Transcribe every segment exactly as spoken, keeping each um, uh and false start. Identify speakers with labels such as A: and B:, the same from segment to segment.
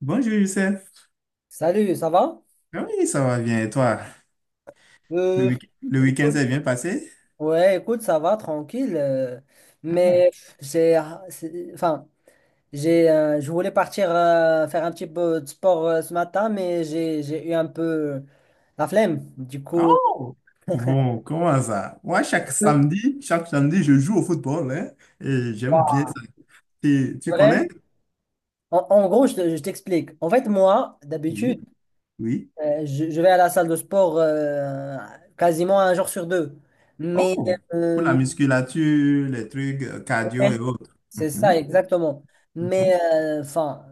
A: Bonjour Youssef.
B: Salut, ça va?
A: Ah oui, ça va bien. Et toi? Le
B: Euh,
A: week- le week-end
B: écoute,
A: s'est bien passé?
B: ouais, écoute, ça va, tranquille. Euh,
A: Ah.
B: mais j'ai, c'est- enfin, j'ai, euh, je voulais partir euh, faire un petit peu de sport euh, ce matin, mais j'ai, j'ai eu un peu la flemme. Du coup.
A: Oh! Bon, comment ça? Moi, chaque samedi, chaque samedi, je joue au football, hein, et j'aime bien
B: Wow.
A: ça. Tu,
B: C'est
A: tu
B: vrai.
A: connais?
B: En, en gros, je, te- je t'explique. En fait, moi, d'habitude,
A: Oui, oui.
B: euh, je, je vais à la salle de sport euh, quasiment un jour sur deux. Mais
A: Oh! Pour la
B: euh,
A: musculature, les trucs euh, cardio et
B: ouais,
A: autres.
B: c'est ça,
A: Mhm,
B: exactement. Mais
A: mhm,
B: euh, enfin.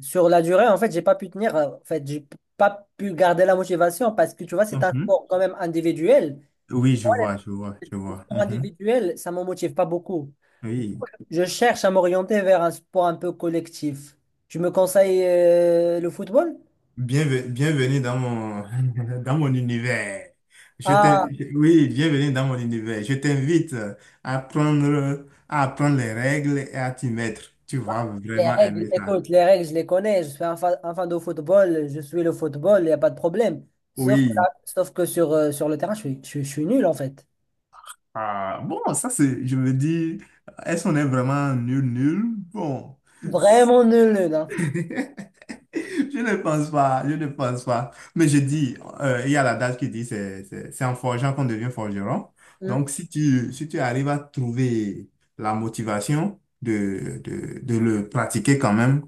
B: Sur la durée, en fait, j'ai pas pu tenir. euh, En fait, j'ai p- pas pu garder la motivation parce que tu vois, c'est un
A: mhm.
B: sport quand même individuel.
A: Oui, je vois, je vois, je
B: Le
A: vois.
B: sport
A: Mhm.
B: individuel, ça me motive pas beaucoup.
A: Oui.
B: Je cherche à m'orienter vers un sport un peu collectif. Tu me conseilles euh, le football?
A: Bienve- bienvenue dans mon, dans mon univers. Je t'in-
B: Ah,
A: je- oui, bienvenue dans mon univers. Je t'invite à prendre, à apprendre les règles et à t'y mettre. Tu
B: bah,
A: vas
B: les
A: vraiment
B: règles,
A: aimer ça.
B: écoute, les règles, je les connais. Je suis un fan, un fan de football, je suis le football, il n'y a pas de problème. Sauf que,
A: Oui.
B: là- sauf que sur, euh, sur le terrain, je suis, je, suis je suis nul en fait.
A: Ah bon, ça c'est, je me dis, est-ce qu'on est vraiment nul, nul? Bon.
B: Vraiment nul, nul. Hein.
A: Je ne pense pas, je ne pense pas. Mais je dis, euh, il y a l'adage qui dit c'est c'est- c'est en forgeant qu'on devient forgeron.
B: Mm,
A: Donc, si tu, si tu arrives à trouver la motivation de, de, de le pratiquer quand même,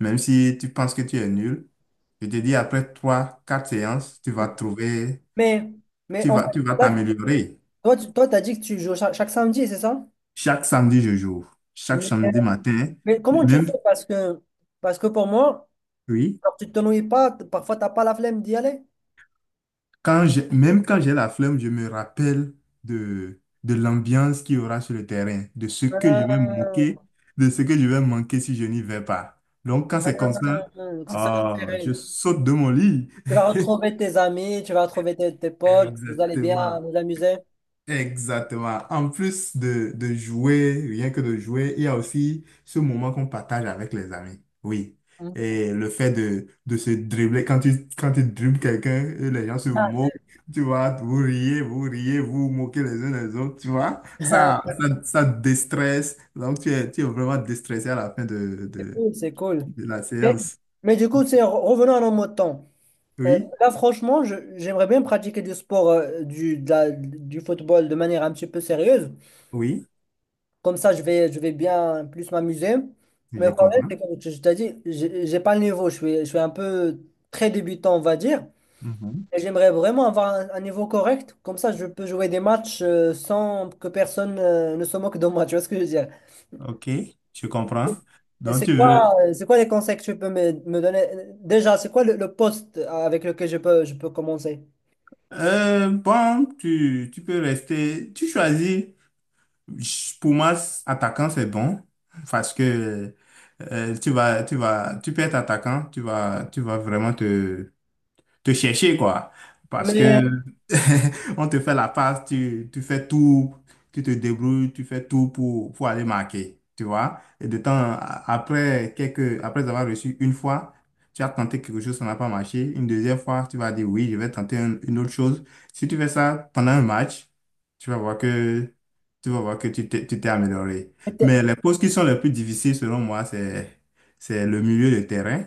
A: même si tu penses que tu es nul, je te dis, après trois, quatre séances, tu
B: mm.
A: vas trouver,
B: Mais, mais
A: tu
B: en fait,
A: vas, tu vas
B: là,
A: t'améliorer.
B: toi, tu toi, t'as dit que tu joues cha- chaque, samedi, c'est ça?
A: Chaque samedi, je joue.
B: Mais,
A: Chaque samedi matin,
B: mais comment tu
A: même,
B: fais? Parce que, parce que pour moi,
A: oui.
B: alors, tu ne t'ennuies pas, t- parfois tu n'as pas la flemme d'y aller.
A: Quand j'ai- même quand j'ai la flemme, je me rappelle de, de l'ambiance qu'il y aura sur le terrain, de ce que je vais
B: Ah,
A: manquer, de ce que je vais manquer si je n'y vais pas. Donc, quand c'est comme ça,
B: ah, donc c'est ça
A: ah, je
B: l'intérêt.
A: saute de mon lit.
B: Tu vas retrouver tes amis, tu vas retrouver tes, tes potes, vous allez
A: Exactement.
B: bien vous amuser.
A: Exactement. En plus de, de jouer, rien que de jouer, il y a aussi ce moment qu'on partage avec les amis. Oui.
B: Mm.
A: Et le fait de, de se dribbler, quand tu, quand tu dribbles quelqu'un, et les gens se
B: Ah,
A: moquent, tu vois, vous riez, vous riez, vous vous moquez les uns les autres, tu vois.
B: ah,
A: Ça, ça, ça déstresse. Donc, tu es, tu es vraiment déstressé à la fin de,
B: c'est
A: de,
B: cool, c'est cool.
A: de la
B: Mais,
A: séance.
B: mais du coup, c'est re- revenons à nos mots de temps. Euh,
A: Oui,
B: là, franchement, je- j'aimerais bien pratiquer du sport, euh, du, de la- du football de manière un petit peu sérieuse.
A: oui,
B: Comme ça, je vais, je vais bien plus m'amuser. Mais le
A: je
B: problème,
A: comprends.
B: c'est comme je je t'ai dit, j'ai j'ai pas le niveau. Je suis, je suis un peu très débutant, on va dire.
A: Mhm.
B: Et j'aimerais vraiment avoir un, un niveau correct. Comme ça, je peux jouer des matchs euh, sans que personne euh, ne se moque de moi. Tu vois ce que je veux dire?
A: OK, je comprends.
B: Et
A: Donc,
B: c'est
A: tu
B: quoi,
A: veux.
B: euh, c'est quoi les conseils que tu peux me, me donner? Déjà, c'est quoi le, le poste avec lequel je peux, je peux commencer?
A: Euh, bon, tu, tu peux rester. Tu choisis. Ch- Pour moi, s- attaquant, c'est bon. Parce que euh, tu vas, tu vas, tu peux être attaquant. Tu vas, tu vas vraiment te, te chercher, quoi. Parce que
B: Mais,
A: on te fait la passe, tu, tu fais tout, tu te débrouilles, tu fais tout pour, pour aller marquer, tu vois. Et de temps a- après, quelques, après avoir reçu une fois, tu as tenté quelque chose, ça n'a pas marché. Une deuxième fois, tu vas dire oui, je vais tenter un- une autre chose. Si tu fais ça pendant un match, tu vas voir que tu vas voir que tu t'es tu t'es amélioré. Mais les postes qui sont les plus difficiles, selon moi, c'est, c'est le milieu de terrain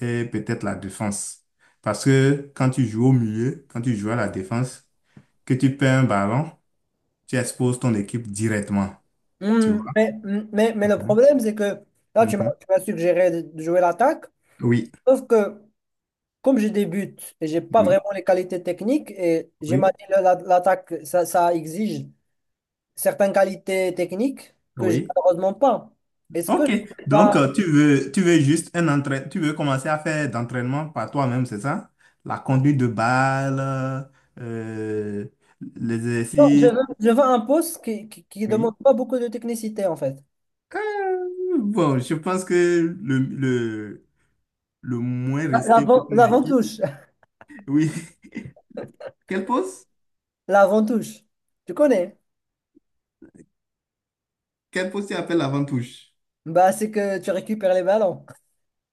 A: et peut-être la défense. Parce que quand tu joues au milieu, quand tu joues à la défense, que tu perds un ballon, tu exposes ton équipe directement. Tu vois?
B: Hmm, mais, hmm, mais, mais le
A: Mhm,
B: problème, c'est que là, tu m'as
A: mhm.
B: tu m'as suggéré de de jouer l'attaque.
A: Oui,
B: Sauf que comme je débute et j'ai pas
A: oui,
B: vraiment les qualités techniques, et j'ai ma
A: oui,
B: dit la- la- l'attaque, ça, ça exige certaines qualités techniques que j'ai
A: oui.
B: malheureusement pas. Est-ce que
A: OK.
B: je peux
A: Donc,
B: pas.
A: euh, tu veux, tu veux juste un entraînement, tu veux commencer à faire d'entraînement par toi-même, c'est ça? La conduite de balle, euh, les
B: Non, je
A: exercices.
B: veux, je veux un poste qui, qui, qui demande
A: Oui.
B: pas beaucoup de technicité en fait.
A: Euh, bon, je pense que le, le, le moins
B: La-
A: risqué pour
B: L'avant,
A: ton équipe.
B: l'avant-touche.
A: Oui. Quelle pause?
B: L'avant-touche. Tu connais?
A: Quel poste appelle appelles l'avant-touche?
B: Bah, c'est que tu récupères les ballons.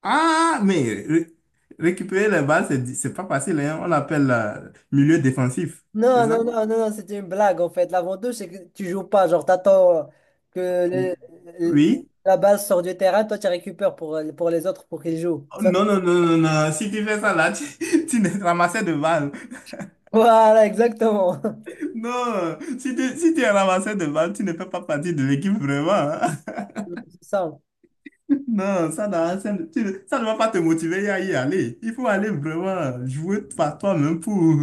A: Ah, mais ré- récupérer les balles, c'est di- c'est pas facile, hein. On l'appelle euh, milieu défensif, c'est
B: Non,
A: ça?
B: non, non, non, non, c'était une blague en fait. L'avantage, c'est que tu joues pas. Genre, t'attends euh, que
A: Ou-
B: le- le-
A: Oui?
B: la balle sort du terrain, toi, tu récupères pour, euh, pour les autres pour qu'ils jouent.
A: Oh
B: Ça-
A: non, non, non, non, non. Si tu fais ça là, tu, tu ne ramassais de balles.
B: voilà, exactement.
A: Non, si tu, si tu es ramassé de balles, tu ne fais pas partie de l'équipe vraiment, hein.
B: C'est ça.
A: Non, ça, n'a- ça, ne tu ne- ça ne va pas te motiver à y aller. Il faut aller vraiment jouer par toi-même pour,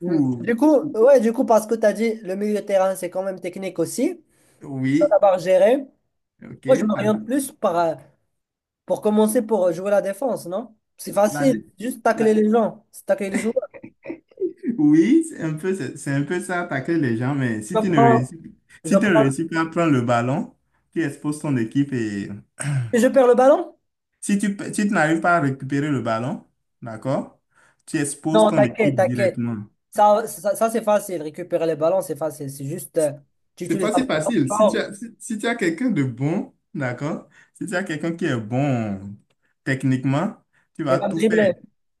B: Mm.
A: pour...
B: Du coup, ouais, du coup, parce que tu as dit le milieu de terrain, c'est quand même technique aussi. Tu
A: Oui,
B: d'abord gérer.
A: ok.
B: Moi, je m'oriente plus par, euh, pour commencer pour euh, jouer la défense, non? C'est
A: La, la,
B: facile, juste tacler
A: la.
B: les gens, c'est tacler les joueurs.
A: Oui, c'est un peu, c'est c'est un peu ça, attaquer les gens, mais si
B: Je
A: tu ne
B: prends,
A: réussis,
B: je
A: si tu ne
B: prends,
A: réussis pas à prendre le ballon, tu exposes ton équipe et
B: et je perds le ballon.
A: si tu, pe- si tu n'arrives pas à récupérer le ballon, d'accord, tu exposes
B: Non,
A: ton
B: t'inquiète,
A: équipe
B: t'inquiète.
A: directement.
B: Ça, ça, ça, c'est facile. Récupérer les ballons, c'est facile. C'est juste, euh, tu
A: C'est
B: utilises
A: pas
B: un
A: si
B: ballon
A: facile. Si tu
B: fort,
A: as, si, si tu as quelqu'un de bon, d'accord, si tu as quelqu'un qui est bon techniquement, tu
B: il
A: vas
B: va me
A: tout faire.
B: dribbler.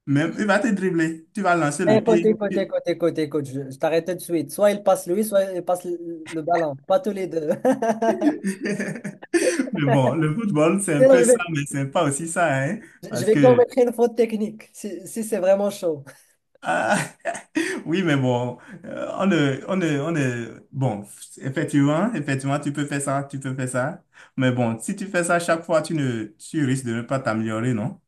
A: Même, il va te dribbler, tu vas lancer
B: Eh,
A: le
B: Côté,
A: pied.
B: côté, côté, côté, côté. Je, je t'arrête tout de suite. Soit il passe lui, soit il passe le, le ballon. Pas tous les deux.
A: Mais bon, le football, c'est un
B: Sinon,
A: peu
B: je vais,
A: ça, mais c'est pas aussi ça, hein,
B: je
A: parce
B: vais
A: que,
B: commettre une faute technique si, si c'est vraiment chaud.
A: ah, oui, mais bon, euh, on ne, on ne, on ne, bon, effectivement, effectivement, tu peux faire ça, tu peux faire ça, mais bon, si tu fais ça chaque fois, tu ne, tu risques de ne pas t'améliorer, non?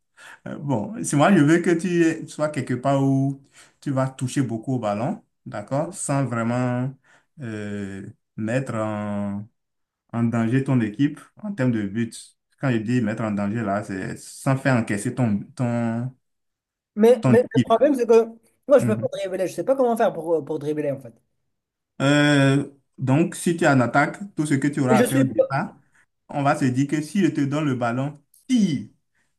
A: Euh, bon, si moi, je veux que tu aies- sois quelque part où tu vas toucher beaucoup au ballon, d'accord, sans vraiment euh, mettre en danger ton équipe en termes de buts. Quand je dis mettre en danger, là, c'est sans faire encaisser ton, ton,
B: Mais,
A: ton
B: mais le
A: équipe.
B: problème, c'est que moi, je peux pas
A: Mhm.
B: dribbler. Je sais pas comment faire pour, pour dribbler, en fait.
A: Euh, donc, si tu es en attaque, tout ce que tu auras
B: Je
A: à faire
B: suis,
A: au
B: pas-
A: départ, on va se dire que si je te donne le ballon, tire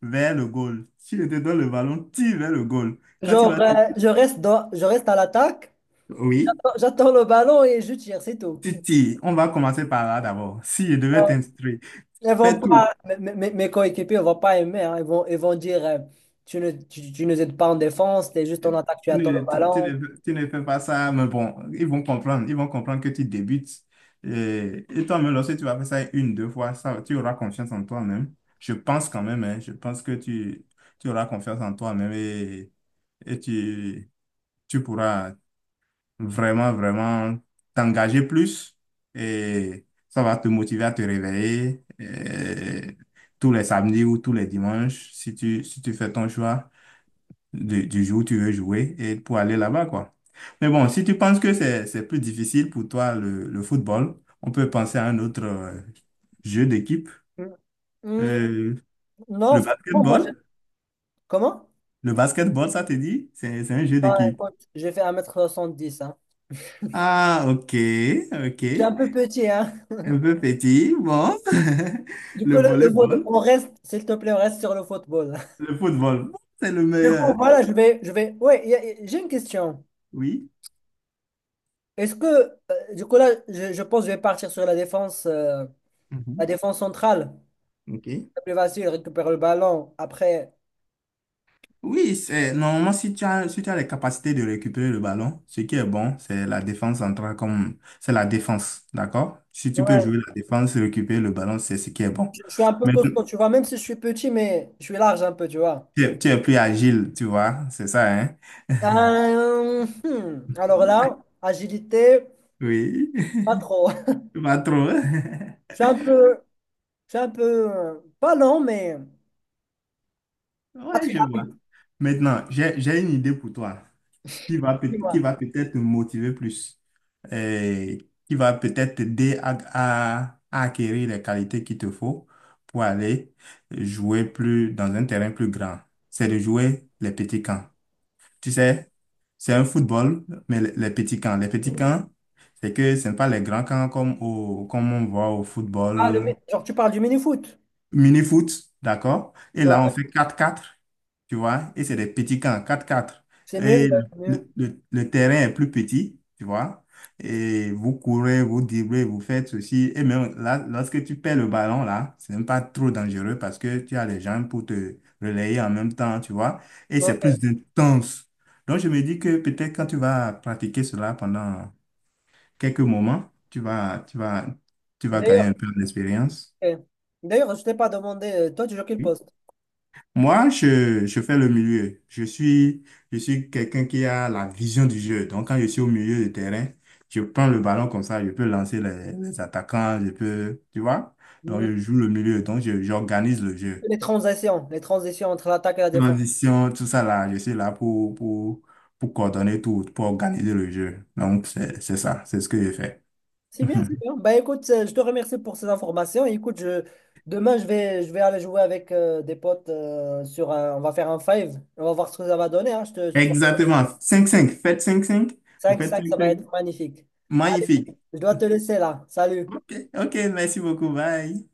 A: vers le goal. Si je te donne le ballon, tire vers le goal. Quand tu
B: genre,
A: vas…
B: euh, je reste dans, je reste à l'attaque,
A: Oui,
B: j'attends le ballon et je tire, c'est tout.
A: tu tires. On va commencer par là d'abord. Si je devais t'instruire,
B: Ils vont
A: fais tout.
B: pas, mes, mes- mes coéquipiers ne vont pas aimer. Hein. Ils vont, ils vont dire euh, tu ne, tu, tu nous aides pas en défense, tu es juste en attaque, tu
A: Tu
B: attends le
A: ne, tu- tu
B: ballon.
A: ne- tu ne fais pas ça, mais bon, ils vont comprendre. Ils vont comprendre que tu débutes. Et, et toi-même, lorsque tu vas faire ça une, deux fois, ça, tu auras confiance en toi-même. Je pense quand même, hein, je pense que tu, tu auras confiance en toi-même et, et tu, tu pourras vraiment, vraiment t'engager plus. Et ça va te motiver à te réveiller et tous les samedis ou tous les dimanches si tu, si tu fais ton choix du, du jour où tu veux jouer et pour aller là-bas, quoi. Mais bon, si tu penses que c'est, c'est plus difficile pour toi le, le football, on peut penser à un autre euh, jeu d'équipe.
B: Mm. Mm,
A: Euh,
B: non,
A: le
B: franchement, moi, je-
A: basketball.
B: comment?
A: Le basketball, ça te dit? C'est, c'est un jeu
B: Ah,
A: d'équipe.
B: écoute, j'ai fait un mètre soixante-dix. Hein.
A: Ah, ok, ok.
B: Je suis un peu petit. Hein.
A: Un peu petit, bon.
B: Du coup,
A: Le
B: le, le foot-
A: volleyball,
B: on reste, s'il te plaît, on reste sur le football.
A: le football, c'est le
B: Du coup,
A: meilleur.
B: voilà, je vais, je vais. Ouais, il y a- j'ai une question.
A: Oui.
B: Est-ce que, euh, du coup, là, je, je pense que je vais partir sur la défense, euh, la
A: Mhm.
B: défense centrale.
A: Ok.
B: C'est plus facile, récupérer le ballon. Après,
A: Oui, c'est normalement si tu as si tu as les capacités de récupérer le ballon, ce qui est bon, c'est la défense centrale comme c'est la défense, d'accord? Si tu peux
B: ouais.
A: jouer la défense, récupérer le ballon, c'est ce qui est bon.
B: Je, je suis un peu
A: Mais
B: costaud, tu vois, même si je suis petit, mais je suis large un peu, tu vois.
A: tu es, tu es plus agile, tu vois, c'est ça, hein?
B: Euh, hmm, Alors là, agilité,
A: Oui,
B: pas trop.
A: pas trop.
B: Je suis un peu, je suis un peu, euh, pas lent, mais pas
A: Ouais,
B: très
A: je vois.
B: rapide,
A: Maintenant, j'ai j'ai une idée pour toi, qui va, peut- qui
B: dis-moi.
A: va peut-être te motiver plus, euh, qui va peut-être t'aider à, à- à acquérir les qualités qu'il te faut pour aller jouer plus dans un terrain plus grand. C'est de jouer les petits camps. Tu sais, c'est un football, mais les les petits camps. Les petits camps, c'est que ce n'est pas les grands camps comme, au, comme on voit au
B: Ah, le mi-
A: football.
B: genre, tu parles du mini-foot.
A: Mini-foot, d'accord? Et
B: Ouais,
A: là, on fait quatre quatre, tu vois? Et c'est des petits camps, quatre quatre.
B: c'est mieux, ouais,
A: Et
B: c'est mieux.
A: le, le- le terrain est plus petit, tu vois? Et vous courez, vous dribblez, vous faites ceci. Et même là, lorsque tu perds le ballon, là, c'est même pas trop dangereux parce que tu as les gens pour te relayer en même temps, tu vois? Et c'est
B: Ok.
A: plus intense. Donc, je me dis que peut-être quand tu vas pratiquer cela pendant quelques moments, tu vas, tu vas, tu vas gagner
B: D'ailleurs,
A: un peu d'expérience.
B: Ok. D'ailleurs, je t'ai pas demandé, euh, toi tu joues quel poste?
A: Moi, je, je fais le milieu. Je suis, je suis quelqu'un qui a la vision du jeu. Donc, quand je suis au milieu de terrain, je prends le ballon comme ça, je peux lancer les, les attaquants, je peux, tu vois? Donc,
B: Mm.
A: je joue le milieu. Donc, je- j'organise le jeu.
B: Les transitions, les transitions entre l'attaque et la défense.
A: Transition, tout ça là, je suis là pour, pour, pour coordonner tout, pour organiser le jeu. Donc, c'est, c'est ça, c'est ce que je fais.
B: C'est bien, c'est bien. Bah écoute, euh, je te remercie pour ces informations. Et écoute, je, demain je vais, je vais aller jouer avec euh, des potes euh, sur un, on va faire un five. On va voir ce que ça va donner. Hein. Je te,
A: Exactement. Cinq cinq. Faites cinq cinq. Vous faites
B: cinq cinq, ça va
A: cinq cinq.
B: être magnifique. Allez,
A: Magnifique.
B: je dois te laisser là. Salut.
A: Ok, ok, merci beaucoup. Bye.